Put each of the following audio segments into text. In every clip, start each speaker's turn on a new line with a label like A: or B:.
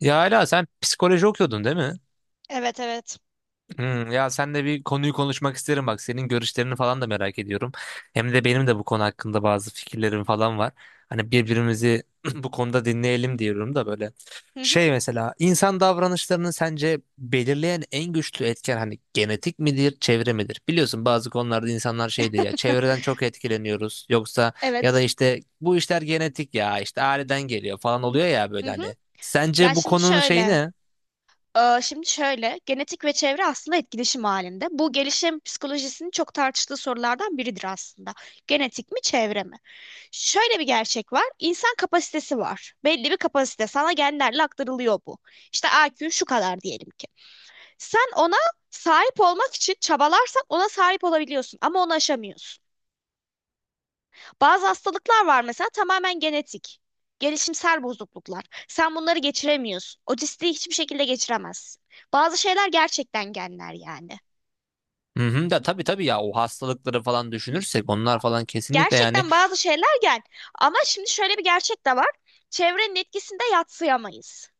A: Ya hala sen psikoloji okuyordun değil mi?
B: Evet evet.
A: Ya senle bir konuyu konuşmak isterim bak. Senin görüşlerini falan da merak ediyorum. Hem de benim de bu konu hakkında bazı fikirlerim falan var. Hani birbirimizi bu konuda dinleyelim diyorum da böyle.
B: Hı hı.
A: Şey mesela insan davranışlarını sence belirleyen en güçlü etken hani genetik midir, çevre midir? Biliyorsun bazı konularda insanlar şey diyor ya çevreden çok etkileniyoruz yoksa ya da
B: Evet.
A: işte bu işler genetik ya işte aileden geliyor falan oluyor ya
B: Hı
A: böyle
B: hı.
A: hani.
B: Ya
A: Sence bu
B: şimdi
A: konunun şeyi
B: şöyle.
A: ne?
B: Şimdi şöyle, genetik ve çevre aslında etkileşim halinde. Bu gelişim psikolojisinin çok tartıştığı sorulardan biridir aslında. Genetik mi, çevre mi? Şöyle bir gerçek var. İnsan kapasitesi var. Belli bir kapasite. Sana genlerle aktarılıyor bu. İşte IQ şu kadar diyelim ki. Sen ona sahip olmak için çabalarsan ona sahip olabiliyorsun ama onu aşamıyorsun. Bazı hastalıklar var mesela tamamen genetik. Gelişimsel bozukluklar. Sen bunları geçiremiyorsun. Otistiği hiçbir şekilde geçiremezsin. Bazı şeyler gerçekten genler yani.
A: Hı hı, da tabii tabii ya o hastalıkları falan düşünürsek onlar falan kesinlikle yani
B: Gerçekten bazı şeyler gen. Ama şimdi şöyle bir gerçek de var. Çevrenin etkisinde yadsıyamayız.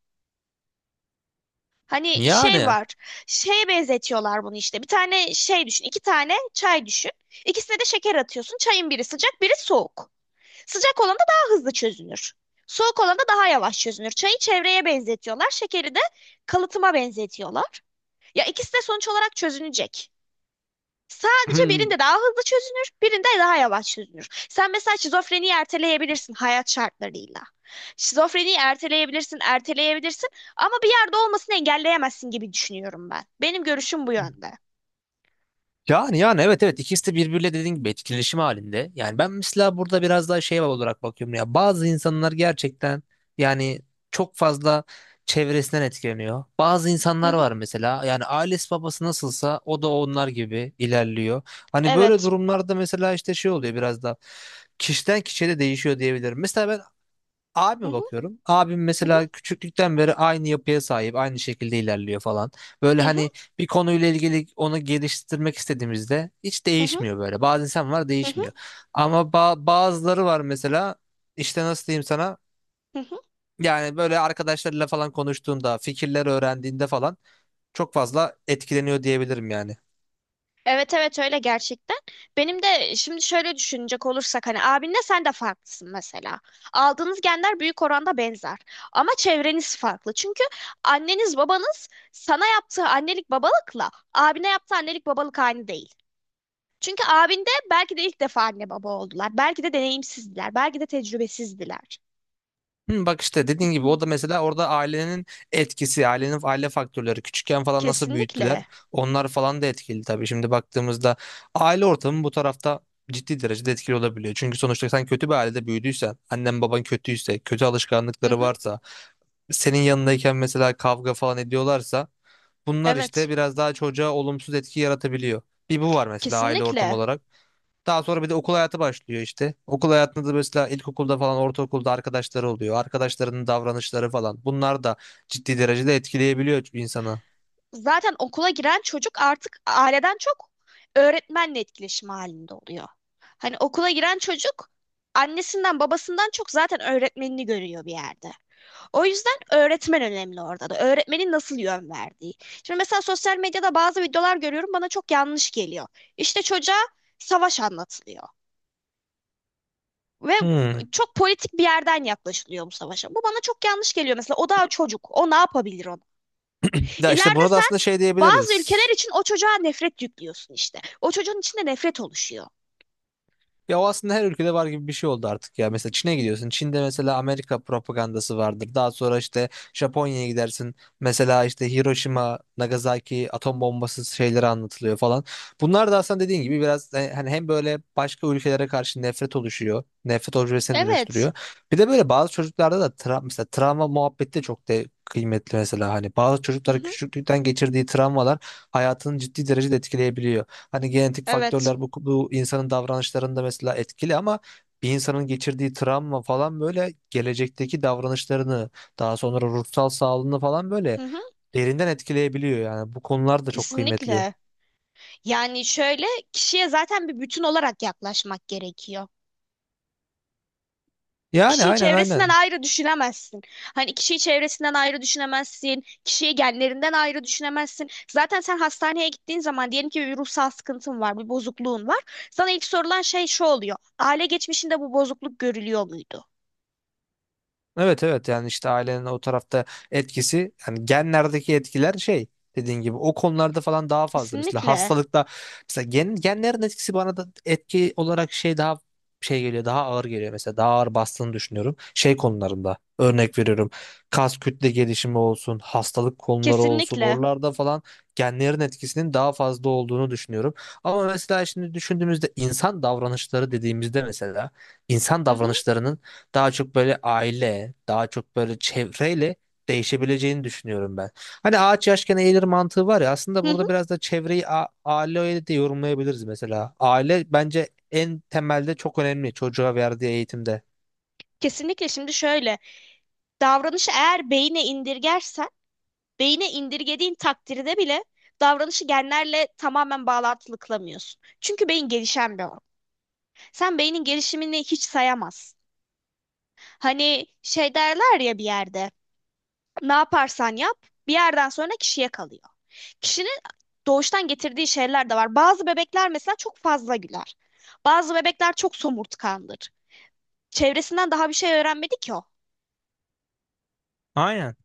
B: Hani şey
A: yani
B: var. Şeye benzetiyorlar bunu işte. Bir tane şey düşün. İki tane çay düşün. İkisine de şeker atıyorsun. Çayın biri sıcak, biri soğuk. Sıcak olan da daha hızlı çözünür. Soğuk olan da daha yavaş çözünür. Çayı çevreye benzetiyorlar, şekeri de kalıtıma benzetiyorlar. Ya ikisi de sonuç olarak çözünecek. Sadece
A: hmm,
B: birinde daha hızlı çözünür, birinde daha yavaş çözünür. Sen mesela şizofreniyi erteleyebilirsin hayat şartlarıyla. Şizofreniyi erteleyebilirsin, erteleyebilirsin ama bir yerde olmasını engelleyemezsin gibi düşünüyorum ben. Benim görüşüm bu yönde.
A: yani yani evet evet ikisi de birbiriyle dediğin gibi etkileşim halinde. Yani ben mesela burada biraz daha şey olarak bakıyorum ya bazı insanlar gerçekten yani çok fazla çevresinden etkileniyor. Bazı
B: Hı
A: insanlar
B: hı,
A: var mesela yani ailesi babası nasılsa o da onlar gibi ilerliyor. Hani böyle
B: evet.
A: durumlarda mesela işte şey oluyor biraz da kişiden kişiye de değişiyor diyebilirim. Mesela ben
B: Hı
A: abime
B: hı,
A: bakıyorum. Abim
B: hı
A: mesela
B: hı,
A: küçüklükten beri aynı yapıya sahip, aynı şekilde ilerliyor falan. Böyle
B: hı hı,
A: hani bir konuyla ilgili onu geliştirmek istediğimizde hiç
B: hı hı,
A: değişmiyor böyle. Bazı insan var
B: hı hı,
A: değişmiyor. Ama bazıları var mesela işte nasıl diyeyim sana?
B: hı hı.
A: Yani böyle arkadaşlarıyla falan konuştuğunda, fikirler öğrendiğinde falan çok fazla etkileniyor diyebilirim yani.
B: Evet evet öyle gerçekten. Benim de şimdi şöyle düşünecek olursak hani abinle sen de farklısın mesela. Aldığınız genler büyük oranda benzer. Ama çevreniz farklı. Çünkü anneniz babanız sana yaptığı annelik babalıkla abine yaptığı annelik babalık aynı değil. Çünkü abinde belki de ilk defa anne baba oldular. Belki de deneyimsizdiler. Belki de tecrübesizdiler.
A: Hı, bak işte dediğin gibi o da mesela orada ailenin etkisi, ailenin aile faktörleri küçükken falan nasıl büyüttüler
B: Kesinlikle.
A: onlar falan da etkili tabii. Şimdi baktığımızda aile ortamı bu tarafta ciddi derecede etkili olabiliyor. Çünkü sonuçta sen kötü bir ailede büyüdüysen, annen baban kötüyse, kötü
B: Hı
A: alışkanlıkları
B: hı.
A: varsa, senin yanındayken mesela kavga falan ediyorlarsa bunlar
B: Evet.
A: işte biraz daha çocuğa olumsuz etki yaratabiliyor. Bir bu var mesela aile ortamı
B: Kesinlikle.
A: olarak. Daha sonra bir de okul hayatı başlıyor işte. Okul hayatında da mesela ilkokulda falan ortaokulda arkadaşları oluyor. Arkadaşlarının davranışları falan. Bunlar da ciddi derecede etkileyebiliyor insanı.
B: Zaten okula giren çocuk artık aileden çok öğretmenle etkileşim halinde oluyor. Hani okula giren çocuk annesinden babasından çok zaten öğretmenini görüyor bir yerde. O yüzden öğretmen önemli orada da. Öğretmenin nasıl yön verdiği. Şimdi mesela sosyal medyada bazı videolar görüyorum bana çok yanlış geliyor. İşte çocuğa savaş anlatılıyor ve
A: Hmm.
B: çok politik bir yerden yaklaşılıyor bu savaşa. Bu bana çok yanlış geliyor mesela. O daha çocuk. O ne yapabilir onu?
A: Ya işte
B: İleride
A: buna da
B: sen
A: aslında şey
B: Bazı
A: diyebiliriz.
B: ülkeler için o çocuğa nefret yüklüyorsun işte. O çocuğun içinde nefret oluşuyor.
A: Ya o aslında her ülkede var gibi bir şey oldu artık ya. Mesela Çin'e gidiyorsun. Çin'de mesela Amerika propagandası vardır. Daha sonra işte Japonya'ya gidersin. Mesela işte Hiroşima, Nagasaki atom bombası şeyleri anlatılıyor falan. Bunlar da aslında dediğin gibi biraz hani hem böyle başka ülkelere karşı nefret oluşuyor. Nefret objesine
B: Evet.
A: dönüştürüyor. Bir de böyle bazı çocuklarda da mesela travma muhabbeti de çok de kıymetli mesela. Hani bazı
B: Hı
A: çocuklar
B: hı.
A: küçüklükten geçirdiği travmalar hayatını ciddi derecede etkileyebiliyor. Hani genetik
B: Evet.
A: faktörler bu insanın davranışlarında mesela etkili ama bir insanın geçirdiği travma falan böyle gelecekteki davranışlarını daha sonra ruhsal sağlığını falan böyle
B: Hı hı.
A: derinden etkileyebiliyor yani bu konular da çok kıymetli.
B: Kesinlikle. Yani şöyle kişiye zaten bir bütün olarak yaklaşmak gerekiyor.
A: Yani
B: Kişiyi
A: aynen
B: çevresinden
A: aynen.
B: ayrı düşünemezsin. Hani kişiyi çevresinden ayrı düşünemezsin. Kişiyi genlerinden ayrı düşünemezsin. Zaten sen hastaneye gittiğin zaman diyelim ki bir ruhsal sıkıntın var, bir bozukluğun var. Sana ilk sorulan şey şu oluyor. Aile geçmişinde bu bozukluk görülüyor muydu?
A: Evet evet yani işte ailenin o tarafta etkisi yani genlerdeki etkiler şey dediğin gibi o konularda falan daha fazla. Mesela
B: Kesinlikle.
A: hastalıkta mesela genlerin etkisi bana da etki olarak şey daha şey geliyor daha ağır geliyor mesela daha ağır bastığını düşünüyorum. Şey konularında örnek veriyorum kas kütle gelişimi olsun hastalık konuları olsun
B: Kesinlikle.
A: oralarda falan genlerin etkisinin daha fazla olduğunu düşünüyorum. Ama mesela şimdi düşündüğümüzde insan davranışları dediğimizde mesela insan
B: Hı hı.
A: davranışlarının daha çok böyle aile, daha çok böyle çevreyle değişebileceğini düşünüyorum ben. Hani ağaç yaşken eğilir mantığı var ya aslında
B: Hı hı.
A: burada biraz da çevreyi aileyle de yorumlayabiliriz mesela. Aile bence en temelde çok önemli çocuğa verdiği eğitimde.
B: Kesinlikle. Şimdi şöyle. Davranışı eğer beyine indirgersen, beyine indirgediğin takdirde bile davranışı genlerle tamamen bağlantılı kılamıyorsun. Çünkü beyin gelişen bir organ. Sen beynin gelişimini hiç sayamaz. Hani şey derler ya bir yerde, ne yaparsan yap, bir yerden sonra kişiye kalıyor. Kişinin doğuştan getirdiği şeyler de var. Bazı bebekler mesela çok fazla güler. Bazı bebekler çok somurtkandır. Çevresinden daha bir şey öğrenmedi ki o.
A: Aynen.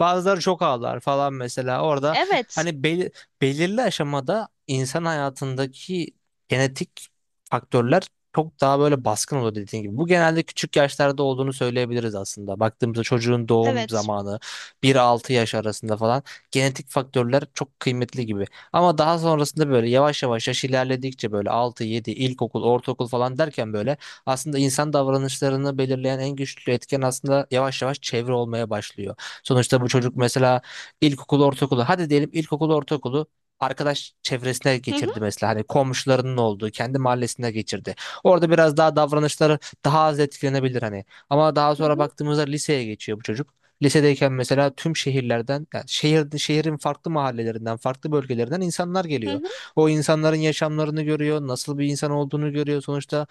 A: Bazıları çok ağlar falan mesela. Orada
B: Evet,
A: hani belirli aşamada insan hayatındaki genetik faktörler çok daha böyle baskın oluyor dediğin gibi. Bu genelde küçük yaşlarda olduğunu söyleyebiliriz aslında. Baktığımızda çocuğun doğum
B: evet.
A: zamanı bir altı yaş arasında falan genetik faktörler çok kıymetli gibi. Ama daha sonrasında böyle yavaş yavaş yaş ilerledikçe böyle 6-7 ilkokul, ortaokul falan derken böyle aslında insan davranışlarını belirleyen en güçlü etken aslında yavaş yavaş çevre olmaya başlıyor. Sonuçta bu çocuk mesela ilkokulu, ortaokulu, hadi diyelim ilkokulu, ortaokulu arkadaş çevresine
B: Hı hı,
A: geçirdi mesela hani komşularının olduğu kendi mahallesine geçirdi. Orada biraz daha davranışları daha az etkilenebilir hani. Ama daha
B: hı
A: sonra
B: hı,
A: baktığımızda liseye geçiyor bu çocuk. Lisedeyken mesela tüm şehirlerden, yani şehrin farklı mahallelerinden, farklı bölgelerinden insanlar
B: hı
A: geliyor.
B: hı.
A: O insanların yaşamlarını görüyor, nasıl bir insan olduğunu görüyor. Sonuçta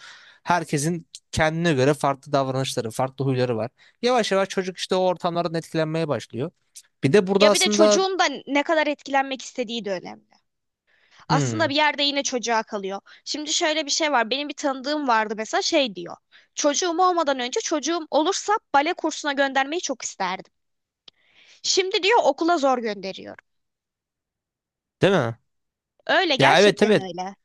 A: herkesin kendine göre farklı davranışları, farklı huyları var. Yavaş yavaş çocuk işte o ortamlardan etkilenmeye başlıyor. Bir de burada
B: Ya bir de
A: aslında
B: çocuğun da ne kadar etkilenmek istediği de önemli. Aslında
A: hmm,
B: bir yerde yine çocuğa kalıyor. Şimdi şöyle bir şey var. Benim bir tanıdığım vardı mesela şey diyor. Çocuğum olmadan önce çocuğum olursa bale kursuna göndermeyi çok isterdim. Şimdi diyor okula zor gönderiyorum.
A: değil mi?
B: Öyle
A: Ya evet
B: gerçekten
A: evet,
B: öyle.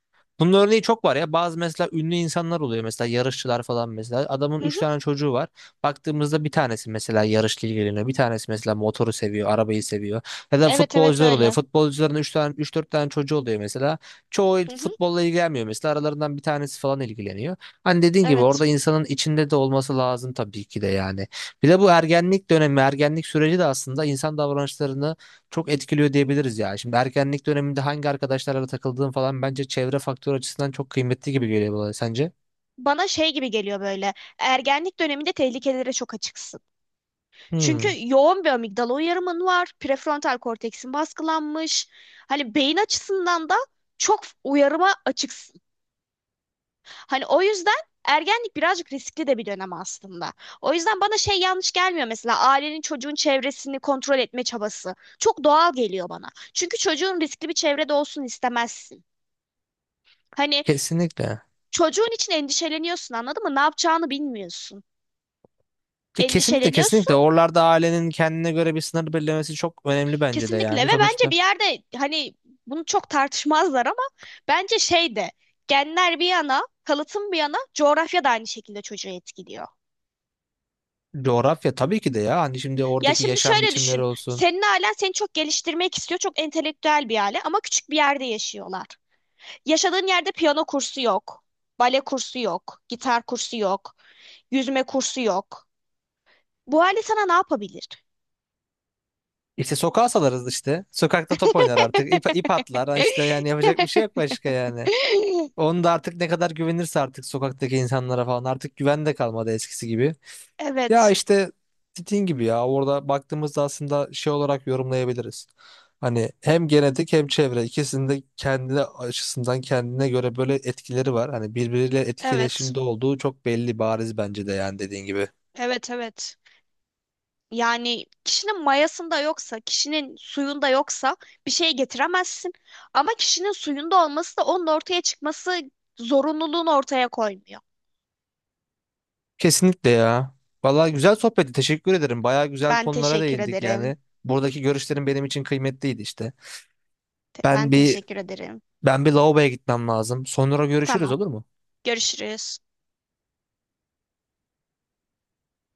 A: bunun örneği çok var ya. Bazı mesela ünlü insanlar oluyor mesela yarışçılar falan mesela. Adamın
B: Hı
A: 3
B: hı.
A: tane çocuğu var. Baktığımızda bir tanesi mesela yarışla ilgileniyor. Bir tanesi mesela motoru seviyor, arabayı seviyor. Ya da
B: Evet evet
A: futbolcular oluyor.
B: öyle.
A: Futbolcuların 3 tane 3-4 tane çocuğu oluyor mesela. Çoğu
B: Hı hı.
A: futbolla ilgilenmiyor mesela. Aralarından bir tanesi falan ilgileniyor. Hani dediğin gibi
B: Evet.
A: orada insanın içinde de olması lazım tabii ki de yani. Bir de bu ergenlik dönemi, ergenlik süreci de aslında insan davranışlarını çok etkiliyor diyebiliriz ya. Şimdi ergenlik döneminde hangi arkadaşlarla takıldığın falan bence çevre faktörü açısından çok kıymetli gibi geliyor bana sence?
B: Bana şey gibi geliyor böyle. Ergenlik döneminde tehlikelere çok açıksın. Çünkü
A: Hmm,
B: yoğun bir amigdala uyarımın var. Prefrontal korteksin baskılanmış. Hani beyin açısından da çok uyarıma açık. Hani o yüzden ergenlik birazcık riskli de bir dönem aslında. O yüzden bana şey yanlış gelmiyor mesela ailenin çocuğun çevresini kontrol etme çabası. Çok doğal geliyor bana. Çünkü çocuğun riskli bir çevrede olsun istemezsin. Hani
A: kesinlikle.
B: çocuğun için endişeleniyorsun anladın mı? Ne yapacağını bilmiyorsun.
A: Kesinlikle
B: Endişeleniyorsun
A: kesinlikle oralarda ailenin kendine göre bir sınır belirlemesi çok önemli bence de
B: kesinlikle
A: yani
B: ve bence
A: sonuçta
B: bir yerde hani bunu çok tartışmazlar ama bence şey de genler bir yana, kalıtım bir yana coğrafya da aynı şekilde çocuğu etkiliyor.
A: coğrafya tabii ki de ya hani şimdi
B: Ya
A: oradaki
B: şimdi
A: yaşam
B: şöyle
A: biçimleri
B: düşün.
A: olsun.
B: Senin ailen seni çok geliştirmek istiyor. Çok entelektüel bir aile ama küçük bir yerde yaşıyorlar. Yaşadığın yerde piyano kursu yok. Bale kursu yok. Gitar kursu yok. Yüzme kursu yok. Bu aile sana ne yapabilir?
A: İşte sokağa salarız işte sokakta top oynar artık ip atlar. Ha işte yani yapacak bir şey yok başka yani onu da artık ne kadar güvenirse artık sokaktaki insanlara falan artık güven de kalmadı eskisi gibi. Ya
B: Evet,
A: işte dediğin gibi ya orada baktığımızda aslında şey olarak yorumlayabiliriz. Hani hem genetik hem çevre ikisinin de kendi açısından kendine göre böyle etkileri var. Hani birbiriyle
B: evet,
A: etkileşimde olduğu çok belli bariz bence de yani dediğin gibi.
B: evet, evet. Yani kişinin mayasında yoksa, kişinin suyunda yoksa bir şey getiremezsin. Ama kişinin suyunda olması da onun ortaya çıkması zorunluluğunu ortaya koymuyor.
A: Kesinlikle ya. Vallahi güzel sohbetti. Teşekkür ederim. Bayağı güzel
B: Ben
A: konulara
B: teşekkür
A: değindik
B: ederim.
A: yani. Buradaki görüşlerin benim için kıymetliydi işte.
B: Ben
A: Ben bir
B: teşekkür ederim.
A: ben bir lavaboya gitmem lazım. Sonra görüşürüz
B: Tamam.
A: olur mu?
B: Görüşürüz.